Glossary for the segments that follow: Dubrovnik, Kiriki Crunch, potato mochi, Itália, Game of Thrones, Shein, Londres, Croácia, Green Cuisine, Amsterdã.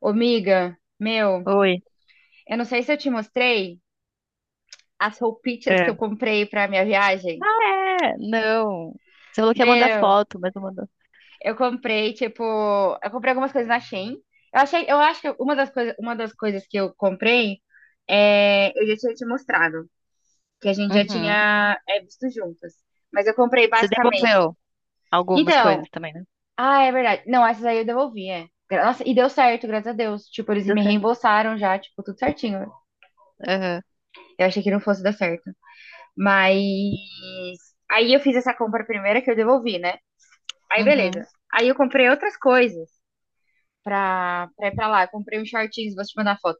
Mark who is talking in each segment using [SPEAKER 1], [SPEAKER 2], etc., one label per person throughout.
[SPEAKER 1] Ô, miga, meu,
[SPEAKER 2] Oi.
[SPEAKER 1] eu não sei se eu te mostrei as roupitas que
[SPEAKER 2] É.
[SPEAKER 1] eu comprei pra minha
[SPEAKER 2] Ah,
[SPEAKER 1] viagem.
[SPEAKER 2] é? Não. Você falou que ia mandar
[SPEAKER 1] Meu,
[SPEAKER 2] foto, mas não mandou.
[SPEAKER 1] eu comprei, tipo, eu comprei algumas coisas na Shein. Eu achei, eu acho que uma das coisas que eu comprei, é, eu já tinha te mostrado, que a gente já
[SPEAKER 2] Uhum.
[SPEAKER 1] tinha, é, visto juntas. Mas eu comprei
[SPEAKER 2] Você
[SPEAKER 1] basicamente.
[SPEAKER 2] devolveu algumas coisas
[SPEAKER 1] Então,
[SPEAKER 2] também, né?
[SPEAKER 1] ah, é verdade. Não, essas aí eu devolvi, é. Nossa, e deu certo, graças a Deus. Tipo, eles
[SPEAKER 2] Deu
[SPEAKER 1] me
[SPEAKER 2] certo.
[SPEAKER 1] reembolsaram já, tipo, tudo certinho.
[SPEAKER 2] Aham.
[SPEAKER 1] Eu achei que não fosse dar certo. Mas aí eu fiz essa compra primeira que eu devolvi, né? Aí beleza.
[SPEAKER 2] Uhum.
[SPEAKER 1] Aí eu comprei outras coisas pra ir pra lá. Eu comprei uns shortinhos, vou te mandar foto.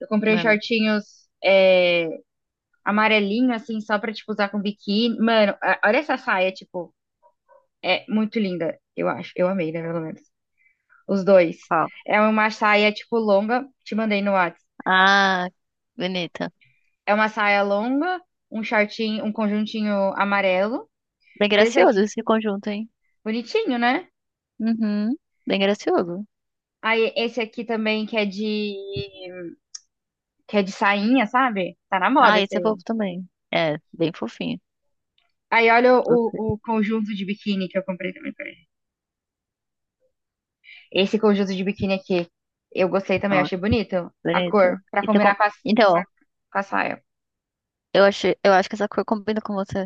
[SPEAKER 1] Eu comprei uns
[SPEAKER 2] Mano,
[SPEAKER 1] shortinhos é, amarelinho, assim, só pra, tipo, usar com biquíni. Mano, olha essa saia, tipo, é muito linda, eu acho. Eu amei, né, pelo menos. Os dois.
[SPEAKER 2] qual?
[SPEAKER 1] É uma saia, tipo, longa, te mandei no WhatsApp.
[SPEAKER 2] Ah, bonita.
[SPEAKER 1] É uma saia longa, um shortinho, um conjuntinho amarelo.
[SPEAKER 2] Bem
[SPEAKER 1] Mas esse
[SPEAKER 2] gracioso
[SPEAKER 1] aqui,
[SPEAKER 2] esse conjunto, hein?
[SPEAKER 1] bonitinho, né?
[SPEAKER 2] Uhum. Bem gracioso.
[SPEAKER 1] Aí esse aqui também que é de sainha, sabe? Tá na moda
[SPEAKER 2] Ah,
[SPEAKER 1] esse
[SPEAKER 2] esse é
[SPEAKER 1] aí.
[SPEAKER 2] fofo também. É, bem fofinho.
[SPEAKER 1] Aí olha
[SPEAKER 2] Gostei.
[SPEAKER 1] o conjunto de biquíni que eu comprei também pra ele. Esse conjunto de biquíni aqui, eu gostei também, eu
[SPEAKER 2] Nossa,
[SPEAKER 1] achei bonito a
[SPEAKER 2] bonito.
[SPEAKER 1] cor pra
[SPEAKER 2] E
[SPEAKER 1] combinar
[SPEAKER 2] Então,
[SPEAKER 1] com a saia.
[SPEAKER 2] eu acho que essa cor combina com você.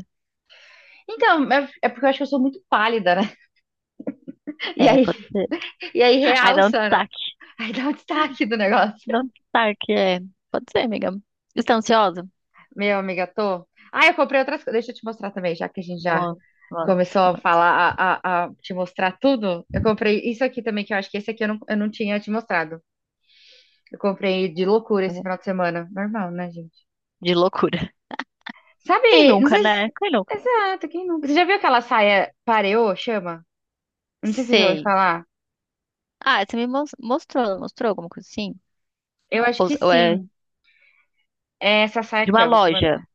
[SPEAKER 1] Então, é, é porque eu acho que eu sou muito pálida, né? E
[SPEAKER 2] É,
[SPEAKER 1] aí,
[SPEAKER 2] pode ser.
[SPEAKER 1] e aí
[SPEAKER 2] Ai, dá um
[SPEAKER 1] realça, né?
[SPEAKER 2] destaque.
[SPEAKER 1] Aí dá um destaque do negócio.
[SPEAKER 2] Dá um destaque, é. Pode ser, amiga. Você tá ansiosa?
[SPEAKER 1] Meu amiga, tô. Ah, eu comprei outras coisas. Deixa eu te mostrar também, já que a gente já
[SPEAKER 2] Mo- mo-
[SPEAKER 1] começou a falar, a te mostrar tudo. Eu comprei isso aqui também, que eu acho que esse aqui eu não tinha te mostrado. Eu comprei de loucura esse
[SPEAKER 2] mo-
[SPEAKER 1] final de semana. Normal, né, gente?
[SPEAKER 2] De loucura. Quem
[SPEAKER 1] Sabe, não
[SPEAKER 2] nunca,
[SPEAKER 1] sei se...
[SPEAKER 2] né? Quem nunca?
[SPEAKER 1] Exato, quem nunca? Você já viu aquela saia pareô, chama? Não sei se você já ouviu
[SPEAKER 2] Sei.
[SPEAKER 1] falar.
[SPEAKER 2] Ah, mostrou, mostrou alguma coisa assim?
[SPEAKER 1] Eu acho
[SPEAKER 2] Ou,
[SPEAKER 1] que
[SPEAKER 2] ou é
[SPEAKER 1] sim. É essa saia
[SPEAKER 2] de
[SPEAKER 1] aqui,
[SPEAKER 2] uma
[SPEAKER 1] ó, vou te
[SPEAKER 2] loja?
[SPEAKER 1] mandar.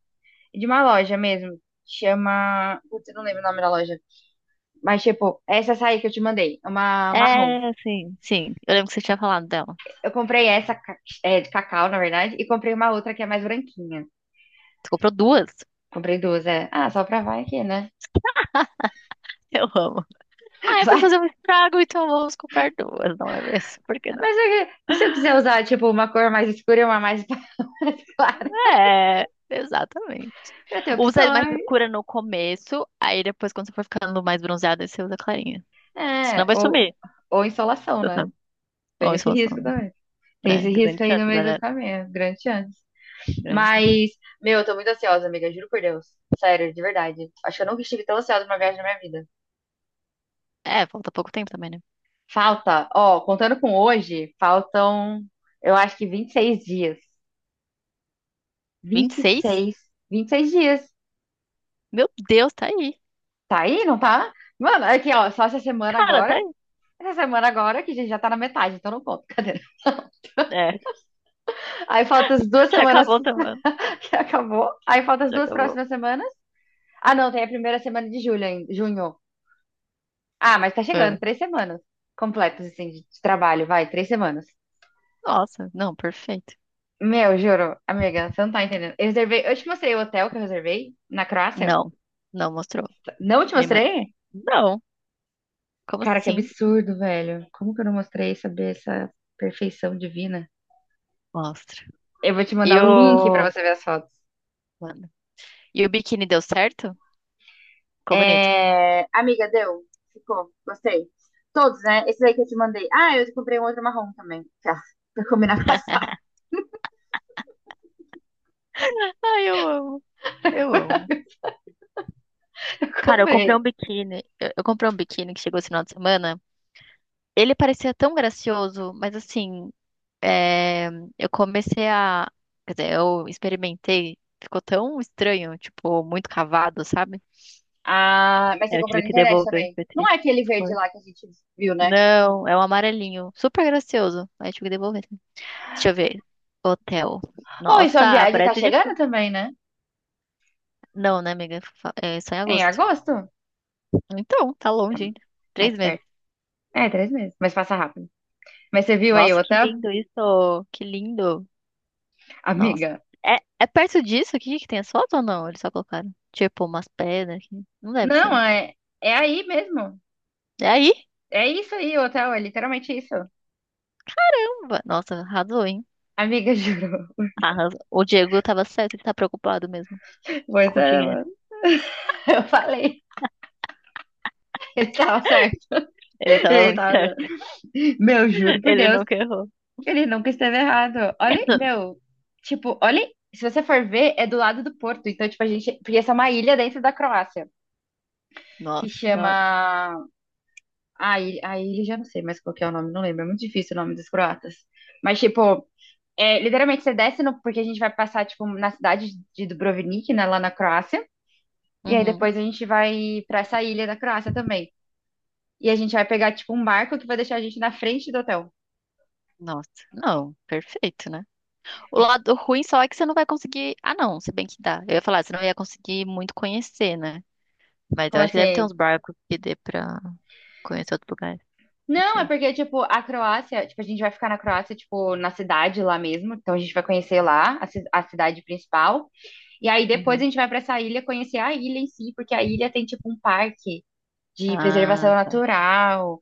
[SPEAKER 1] De uma loja mesmo. Chama. Putz, eu não lembro o nome da loja. Mas, tipo, é essa saia que eu te mandei. É uma marrom.
[SPEAKER 2] É, sim, sim. Eu lembro que você tinha falado dela.
[SPEAKER 1] Eu comprei é, de cacau, na verdade, e comprei uma outra que é mais branquinha.
[SPEAKER 2] Você comprou duas?
[SPEAKER 1] Comprei duas, é. Ah, só pra vai aqui, né?
[SPEAKER 2] Eu amo. Ah, é pra
[SPEAKER 1] Vai.
[SPEAKER 2] fazer um estrago, então vamos comprar duas, não é mesmo? Por que não?
[SPEAKER 1] Mas é que- e se eu quiser usar, tipo, uma cor mais escura e uma mais, mais clara?
[SPEAKER 2] É, exatamente.
[SPEAKER 1] Pra ter
[SPEAKER 2] Usa mais
[SPEAKER 1] opções.
[SPEAKER 2] escura no começo, aí depois, quando você for ficando mais bronzeada, aí você usa clarinha. Senão
[SPEAKER 1] É,
[SPEAKER 2] vai sumir.
[SPEAKER 1] ou insolação, né?
[SPEAKER 2] Uhum. Ou
[SPEAKER 1] Tem
[SPEAKER 2] isso,
[SPEAKER 1] esse
[SPEAKER 2] vai
[SPEAKER 1] risco
[SPEAKER 2] sumir.
[SPEAKER 1] também. Tem esse
[SPEAKER 2] É,
[SPEAKER 1] risco
[SPEAKER 2] grande
[SPEAKER 1] aí no
[SPEAKER 2] chance,
[SPEAKER 1] meio do
[SPEAKER 2] galera.
[SPEAKER 1] caminho, grande chance.
[SPEAKER 2] Grande.
[SPEAKER 1] Mas, meu, eu tô muito ansiosa, amiga, juro por Deus. Sério, de verdade. Acho que eu nunca estive tão ansiosa pra uma viagem na minha vida.
[SPEAKER 2] É, falta pouco tempo também, né?
[SPEAKER 1] Falta, ó, contando com hoje, faltam, eu acho que 26 dias. Vinte
[SPEAKER 2] Vinte e
[SPEAKER 1] vinte e
[SPEAKER 2] seis?
[SPEAKER 1] seis, 26 dias.
[SPEAKER 2] Meu Deus, tá aí.
[SPEAKER 1] Tá aí, não tá? Mano, aqui, ó, só essa semana
[SPEAKER 2] Cara,
[SPEAKER 1] agora.
[SPEAKER 2] tá aí.
[SPEAKER 1] Essa semana agora, que a gente já tá na metade, então não conto. Cadê?
[SPEAKER 2] É,
[SPEAKER 1] Aí faltam as duas
[SPEAKER 2] já
[SPEAKER 1] semanas
[SPEAKER 2] acabou a semana.
[SPEAKER 1] que acabou. Aí faltam as
[SPEAKER 2] Já
[SPEAKER 1] duas
[SPEAKER 2] acabou.
[SPEAKER 1] próximas semanas. Ah, não, tem a primeira semana de julho ainda, junho. Ah, mas tá chegando,
[SPEAKER 2] É.
[SPEAKER 1] 3 semanas completas, assim, de trabalho, vai, 3 semanas.
[SPEAKER 2] Nossa, não, perfeito.
[SPEAKER 1] Meu, juro, amiga, você não tá entendendo. Eu reservei, eu te mostrei o hotel que eu reservei na Croácia.
[SPEAKER 2] Não, não mostrou.
[SPEAKER 1] Não te
[SPEAKER 2] Minha mãe.
[SPEAKER 1] mostrei?
[SPEAKER 2] Não, como
[SPEAKER 1] Cara, que
[SPEAKER 2] assim?
[SPEAKER 1] absurdo, velho. Como que eu não mostrei saber essa perfeição divina?
[SPEAKER 2] Mostra.
[SPEAKER 1] Eu vou te
[SPEAKER 2] E
[SPEAKER 1] mandar o link pra
[SPEAKER 2] o.
[SPEAKER 1] você ver as fotos.
[SPEAKER 2] Mano. E o biquíni deu certo? Ficou bonito.
[SPEAKER 1] É, amiga, deu? Ficou? Gostei. Todos, né? Esse aí que eu te mandei. Ah, eu comprei um outro marrom também. Tá, pra combinar com a Sara.
[SPEAKER 2] Ah, eu amo, eu amo.
[SPEAKER 1] Eu
[SPEAKER 2] Cara, eu comprei
[SPEAKER 1] comprei.
[SPEAKER 2] um biquíni. Eu comprei um biquíni que chegou esse final de semana. Ele parecia tão gracioso, mas assim, é, eu comecei a. Quer dizer, eu experimentei, ficou tão estranho, tipo, muito cavado, sabe?
[SPEAKER 1] Ah, mas você
[SPEAKER 2] Aí eu
[SPEAKER 1] comprou
[SPEAKER 2] tive
[SPEAKER 1] na
[SPEAKER 2] que
[SPEAKER 1] internet
[SPEAKER 2] devolver,
[SPEAKER 1] também.
[SPEAKER 2] foi
[SPEAKER 1] Não
[SPEAKER 2] triste.
[SPEAKER 1] é aquele verde
[SPEAKER 2] Foi.
[SPEAKER 1] lá que a gente viu, né?
[SPEAKER 2] Não, é um amarelinho, super gracioso. Aí eu tive que devolver. Deixa eu ver. Hotel.
[SPEAKER 1] Oi, sua
[SPEAKER 2] Nossa,
[SPEAKER 1] viagem tá
[SPEAKER 2] parece de
[SPEAKER 1] chegando
[SPEAKER 2] filme.
[SPEAKER 1] também, né?
[SPEAKER 2] Não, né, amiga? É só em
[SPEAKER 1] É em
[SPEAKER 2] agosto.
[SPEAKER 1] agosto?
[SPEAKER 2] Então, tá
[SPEAKER 1] Tá
[SPEAKER 2] longe ainda. Três
[SPEAKER 1] mais
[SPEAKER 2] meses.
[SPEAKER 1] perto. É, 3 meses, mas passa rápido. Mas você viu aí o
[SPEAKER 2] Nossa, que
[SPEAKER 1] hotel?
[SPEAKER 2] lindo isso! Que lindo! Nossa.
[SPEAKER 1] Amiga.
[SPEAKER 2] É, é perto disso aqui que tem as fotos ou não? Eles só colocaram, tipo, umas pedras aqui. Não deve ser,
[SPEAKER 1] Não,
[SPEAKER 2] né?
[SPEAKER 1] é, é aí mesmo.
[SPEAKER 2] É aí?
[SPEAKER 1] É isso aí, o hotel, é literalmente isso.
[SPEAKER 2] Nossa, arrasou, hein?
[SPEAKER 1] Amiga, juro.
[SPEAKER 2] Arrasou. O Diego tava certo de estar preocupado mesmo
[SPEAKER 1] Pois
[SPEAKER 2] com o
[SPEAKER 1] é,
[SPEAKER 2] dinheiro.
[SPEAKER 1] mano. Eu falei. Ele tava certo.
[SPEAKER 2] Ele tava
[SPEAKER 1] Ele
[SPEAKER 2] muito
[SPEAKER 1] tava.
[SPEAKER 2] certo.
[SPEAKER 1] Meu, juro por
[SPEAKER 2] Ele
[SPEAKER 1] Deus,
[SPEAKER 2] nunca errou.
[SPEAKER 1] ele nunca esteve errado. Olha, meu, tipo, olha. Se você for ver, é do lado do Porto. Então, tipo, a gente. Porque essa é uma ilha dentro da Croácia, que
[SPEAKER 2] Nossa, da hora.
[SPEAKER 1] chama. A ilha já não sei mais qual que é o nome, não lembro. É muito difícil o nome dos croatas. Mas, tipo, é, literalmente você desce no. Porque a gente vai passar, tipo, na cidade de Dubrovnik, né, lá na Croácia. E aí
[SPEAKER 2] Uhum.
[SPEAKER 1] depois a gente vai pra essa ilha da Croácia também. E a gente vai pegar, tipo, um barco que vai deixar a gente na frente do hotel.
[SPEAKER 2] Nossa, não, perfeito, né? O lado ruim só é que você não vai conseguir. Ah, não, se bem que dá. Eu ia falar, você não ia conseguir muito conhecer, né? Mas eu
[SPEAKER 1] Como
[SPEAKER 2] acho que deve ter
[SPEAKER 1] assim?
[SPEAKER 2] uns barcos que dê pra conhecer outro lugar. Não
[SPEAKER 1] Não, é
[SPEAKER 2] sei.
[SPEAKER 1] porque, tipo, a Croácia, tipo, a gente vai ficar na Croácia, tipo, na cidade lá mesmo. Então a gente vai conhecer lá a cidade principal. E aí depois a
[SPEAKER 2] Uhum.
[SPEAKER 1] gente vai pra essa ilha conhecer a ilha em si, porque a ilha tem, tipo, um parque de
[SPEAKER 2] Ah,
[SPEAKER 1] preservação
[SPEAKER 2] tá.
[SPEAKER 1] natural.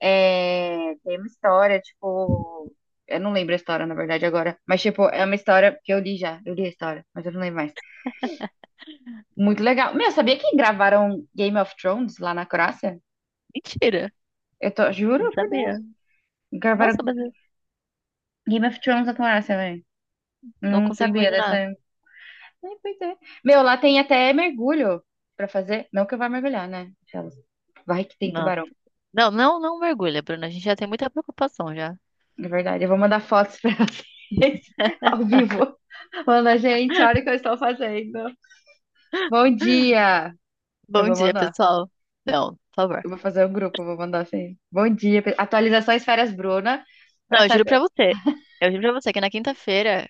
[SPEAKER 1] É, tem uma história, tipo. Eu não lembro a história, na verdade, agora. Mas, tipo, é uma história que eu li já. Eu li a história, mas eu não lembro mais. Muito legal. Meu, sabia que gravaram Game of Thrones lá na Croácia?
[SPEAKER 2] Mentira!
[SPEAKER 1] Eu tô,
[SPEAKER 2] Não
[SPEAKER 1] juro, por Deus.
[SPEAKER 2] sabia. Nossa,
[SPEAKER 1] Gravaram
[SPEAKER 2] mas eu
[SPEAKER 1] Game of Thrones na Croácia, velho.
[SPEAKER 2] não
[SPEAKER 1] Não
[SPEAKER 2] consigo
[SPEAKER 1] sabia dessa.
[SPEAKER 2] imaginar.
[SPEAKER 1] É, pois é. Meu, lá tem até mergulho pra fazer. Não que eu vá mergulhar, né? Aquelas. Vai que tem
[SPEAKER 2] Nossa.
[SPEAKER 1] tubarão.
[SPEAKER 2] Não, não, não mergulha, Bruna. A gente já tem muita preocupação já.
[SPEAKER 1] Na verdade, eu vou mandar fotos pra vocês ao vivo. Manda, gente, olha o que eu estou fazendo. Bom dia! Eu
[SPEAKER 2] Bom
[SPEAKER 1] vou
[SPEAKER 2] dia,
[SPEAKER 1] mandar.
[SPEAKER 2] pessoal. Não, por favor.
[SPEAKER 1] Eu vou fazer um grupo, eu vou mandar assim. Bom dia. Atualizações Férias Bruna, pra
[SPEAKER 2] Não, eu juro pra
[SPEAKER 1] saber.
[SPEAKER 2] você. Eu juro pra você que na quinta-feira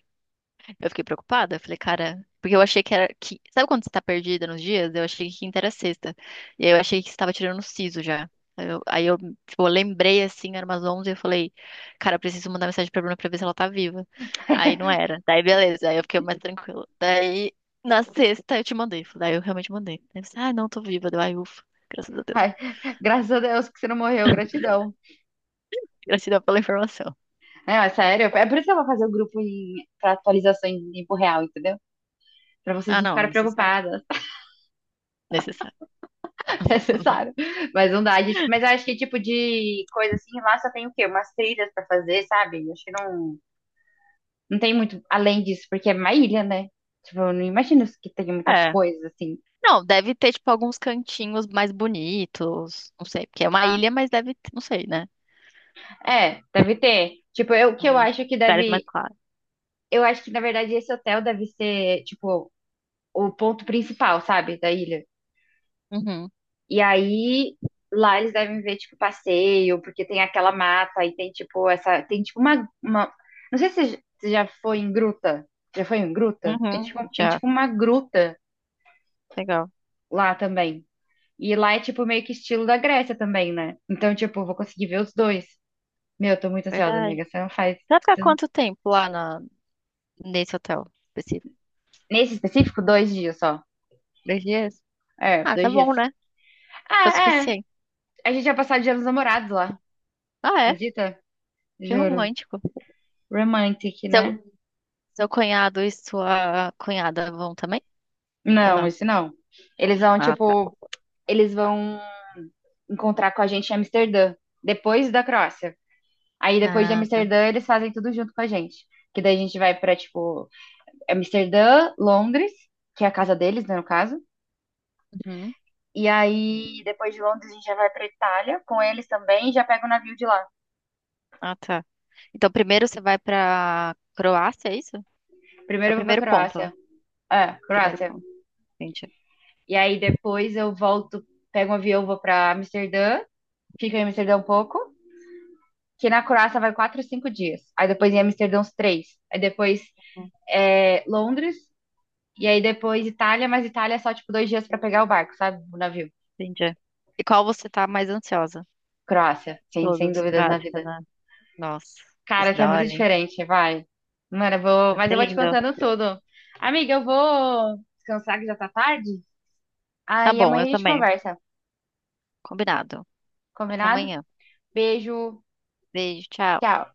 [SPEAKER 2] eu fiquei preocupada, falei, cara, porque eu achei que era que, sabe quando você tá perdida nos dias? Eu achei que quinta era sexta. E aí eu achei que estava tirando o siso já. Aí eu, aí eu, tipo, lembrei assim, era umas 11 e eu falei, cara, eu preciso mandar mensagem pra Bruna pra ver se ela tá viva. Aí não era. Daí beleza, aí eu fiquei mais tranquila. Daí na sexta eu te mandei, daí eu realmente mandei. Aí você, ah, não, tô viva. Deu, ai, ufa, graças a Deus.
[SPEAKER 1] Ai, graças a Deus que você não morreu, gratidão.
[SPEAKER 2] Gratidão pela informação.
[SPEAKER 1] É, ó, sério, é por isso que eu vou fazer o grupo em, pra atualização em tempo real, entendeu? Pra vocês
[SPEAKER 2] Ah,
[SPEAKER 1] não
[SPEAKER 2] não,
[SPEAKER 1] ficarem
[SPEAKER 2] necessário.
[SPEAKER 1] preocupadas.
[SPEAKER 2] Necessário.
[SPEAKER 1] É necessário. Mas não dá. Mas eu acho que tipo de coisa assim, lá só tem o quê? Umas trilhas pra fazer, sabe? Eu acho que não, não tem muito além disso, porque é uma ilha, né? Tipo, eu não imagino que tem muitas
[SPEAKER 2] É.
[SPEAKER 1] coisas assim.
[SPEAKER 2] Não, deve ter, tipo, alguns cantinhos mais bonitos. Não sei, porque é uma ilha, mas deve ter, não sei, né?
[SPEAKER 1] É, deve ter. Tipo, eu o que eu
[SPEAKER 2] Hum,
[SPEAKER 1] acho que
[SPEAKER 2] lugares mais
[SPEAKER 1] deve.
[SPEAKER 2] claros.
[SPEAKER 1] Eu acho que, na verdade, esse hotel deve ser, tipo, o ponto principal, sabe? Da ilha.
[SPEAKER 2] Uhum,
[SPEAKER 1] E aí lá eles devem ver tipo passeio, porque tem aquela mata e tem tipo essa, tem tipo uma... não sei se você já foi em gruta. Já foi em gruta?
[SPEAKER 2] uhum,
[SPEAKER 1] Tem
[SPEAKER 2] já.
[SPEAKER 1] tipo uma gruta
[SPEAKER 2] Legal.
[SPEAKER 1] lá também. E lá é tipo meio que estilo da Grécia também, né? Então, tipo, eu vou conseguir ver os dois. Meu, eu tô muito ansiosa,
[SPEAKER 2] Verdade. Você
[SPEAKER 1] amiga. Você não faz.
[SPEAKER 2] vai ficar
[SPEAKER 1] Você não-
[SPEAKER 2] quanto tempo lá na, nesse hotel específico?
[SPEAKER 1] Nesse específico, 2 dias só.
[SPEAKER 2] Dois dias?
[SPEAKER 1] É,
[SPEAKER 2] Ah,
[SPEAKER 1] dois
[SPEAKER 2] tá
[SPEAKER 1] dias.
[SPEAKER 2] bom, né? Tá
[SPEAKER 1] Ah,
[SPEAKER 2] o
[SPEAKER 1] é.
[SPEAKER 2] suficiente.
[SPEAKER 1] A gente vai passar o dia dos namorados lá.
[SPEAKER 2] Ah, é?
[SPEAKER 1] Acredita?
[SPEAKER 2] Que
[SPEAKER 1] Juro.
[SPEAKER 2] romântico.
[SPEAKER 1] Romantic, né?
[SPEAKER 2] Seu, seu cunhado e sua cunhada vão também? Ou
[SPEAKER 1] Não,
[SPEAKER 2] não?
[SPEAKER 1] esse não. Eles vão,
[SPEAKER 2] Ah, tá.
[SPEAKER 1] tipo, eles vão encontrar com a gente em Amsterdã, depois da Croácia. Aí depois de
[SPEAKER 2] Ah, tá.
[SPEAKER 1] Amsterdã, eles fazem tudo junto com a gente. Que daí a gente vai pra, tipo, Amsterdã, Londres, que é a casa deles, né, no caso.
[SPEAKER 2] Uhum.
[SPEAKER 1] E aí, depois de Londres, a gente já vai pra Itália com eles também e já pega o navio de lá.
[SPEAKER 2] Ah, tá. Então, primeiro você vai pra Croácia, é isso? É
[SPEAKER 1] Primeiro
[SPEAKER 2] o
[SPEAKER 1] eu vou pra
[SPEAKER 2] primeiro ponto. Ó.
[SPEAKER 1] Croácia. É,
[SPEAKER 2] Primeiro
[SPEAKER 1] Croácia.
[SPEAKER 2] ponto. Entendi.
[SPEAKER 1] E aí depois eu volto, pego um avião, vou pra Amsterdã, fico em Amsterdã um pouco. Que na Croácia vai 4, 5 dias. Aí depois em Amsterdã uns três. Aí depois é, Londres. E aí depois Itália, mas Itália é só tipo 2 dias pra pegar o barco, sabe? O navio.
[SPEAKER 2] Entendi. E qual você tá mais ansiosa?
[SPEAKER 1] Croácia, sem
[SPEAKER 2] Todos,
[SPEAKER 1] dúvidas na
[SPEAKER 2] prática,
[SPEAKER 1] vida.
[SPEAKER 2] né? Nossa, vai
[SPEAKER 1] Cara,
[SPEAKER 2] ser
[SPEAKER 1] que é
[SPEAKER 2] da
[SPEAKER 1] muito
[SPEAKER 2] hora, hein?
[SPEAKER 1] diferente, vai. Mano, eu vou.
[SPEAKER 2] Vai
[SPEAKER 1] Mas
[SPEAKER 2] ser
[SPEAKER 1] eu vou te
[SPEAKER 2] lindo.
[SPEAKER 1] contando tudo. Amiga, eu vou descansar que já tá tarde.
[SPEAKER 2] Tá
[SPEAKER 1] Aí
[SPEAKER 2] bom,
[SPEAKER 1] amanhã
[SPEAKER 2] eu
[SPEAKER 1] a gente
[SPEAKER 2] também.
[SPEAKER 1] conversa.
[SPEAKER 2] Combinado. Até
[SPEAKER 1] Combinado?
[SPEAKER 2] amanhã.
[SPEAKER 1] Beijo.
[SPEAKER 2] Beijo, tchau.
[SPEAKER 1] Tchau.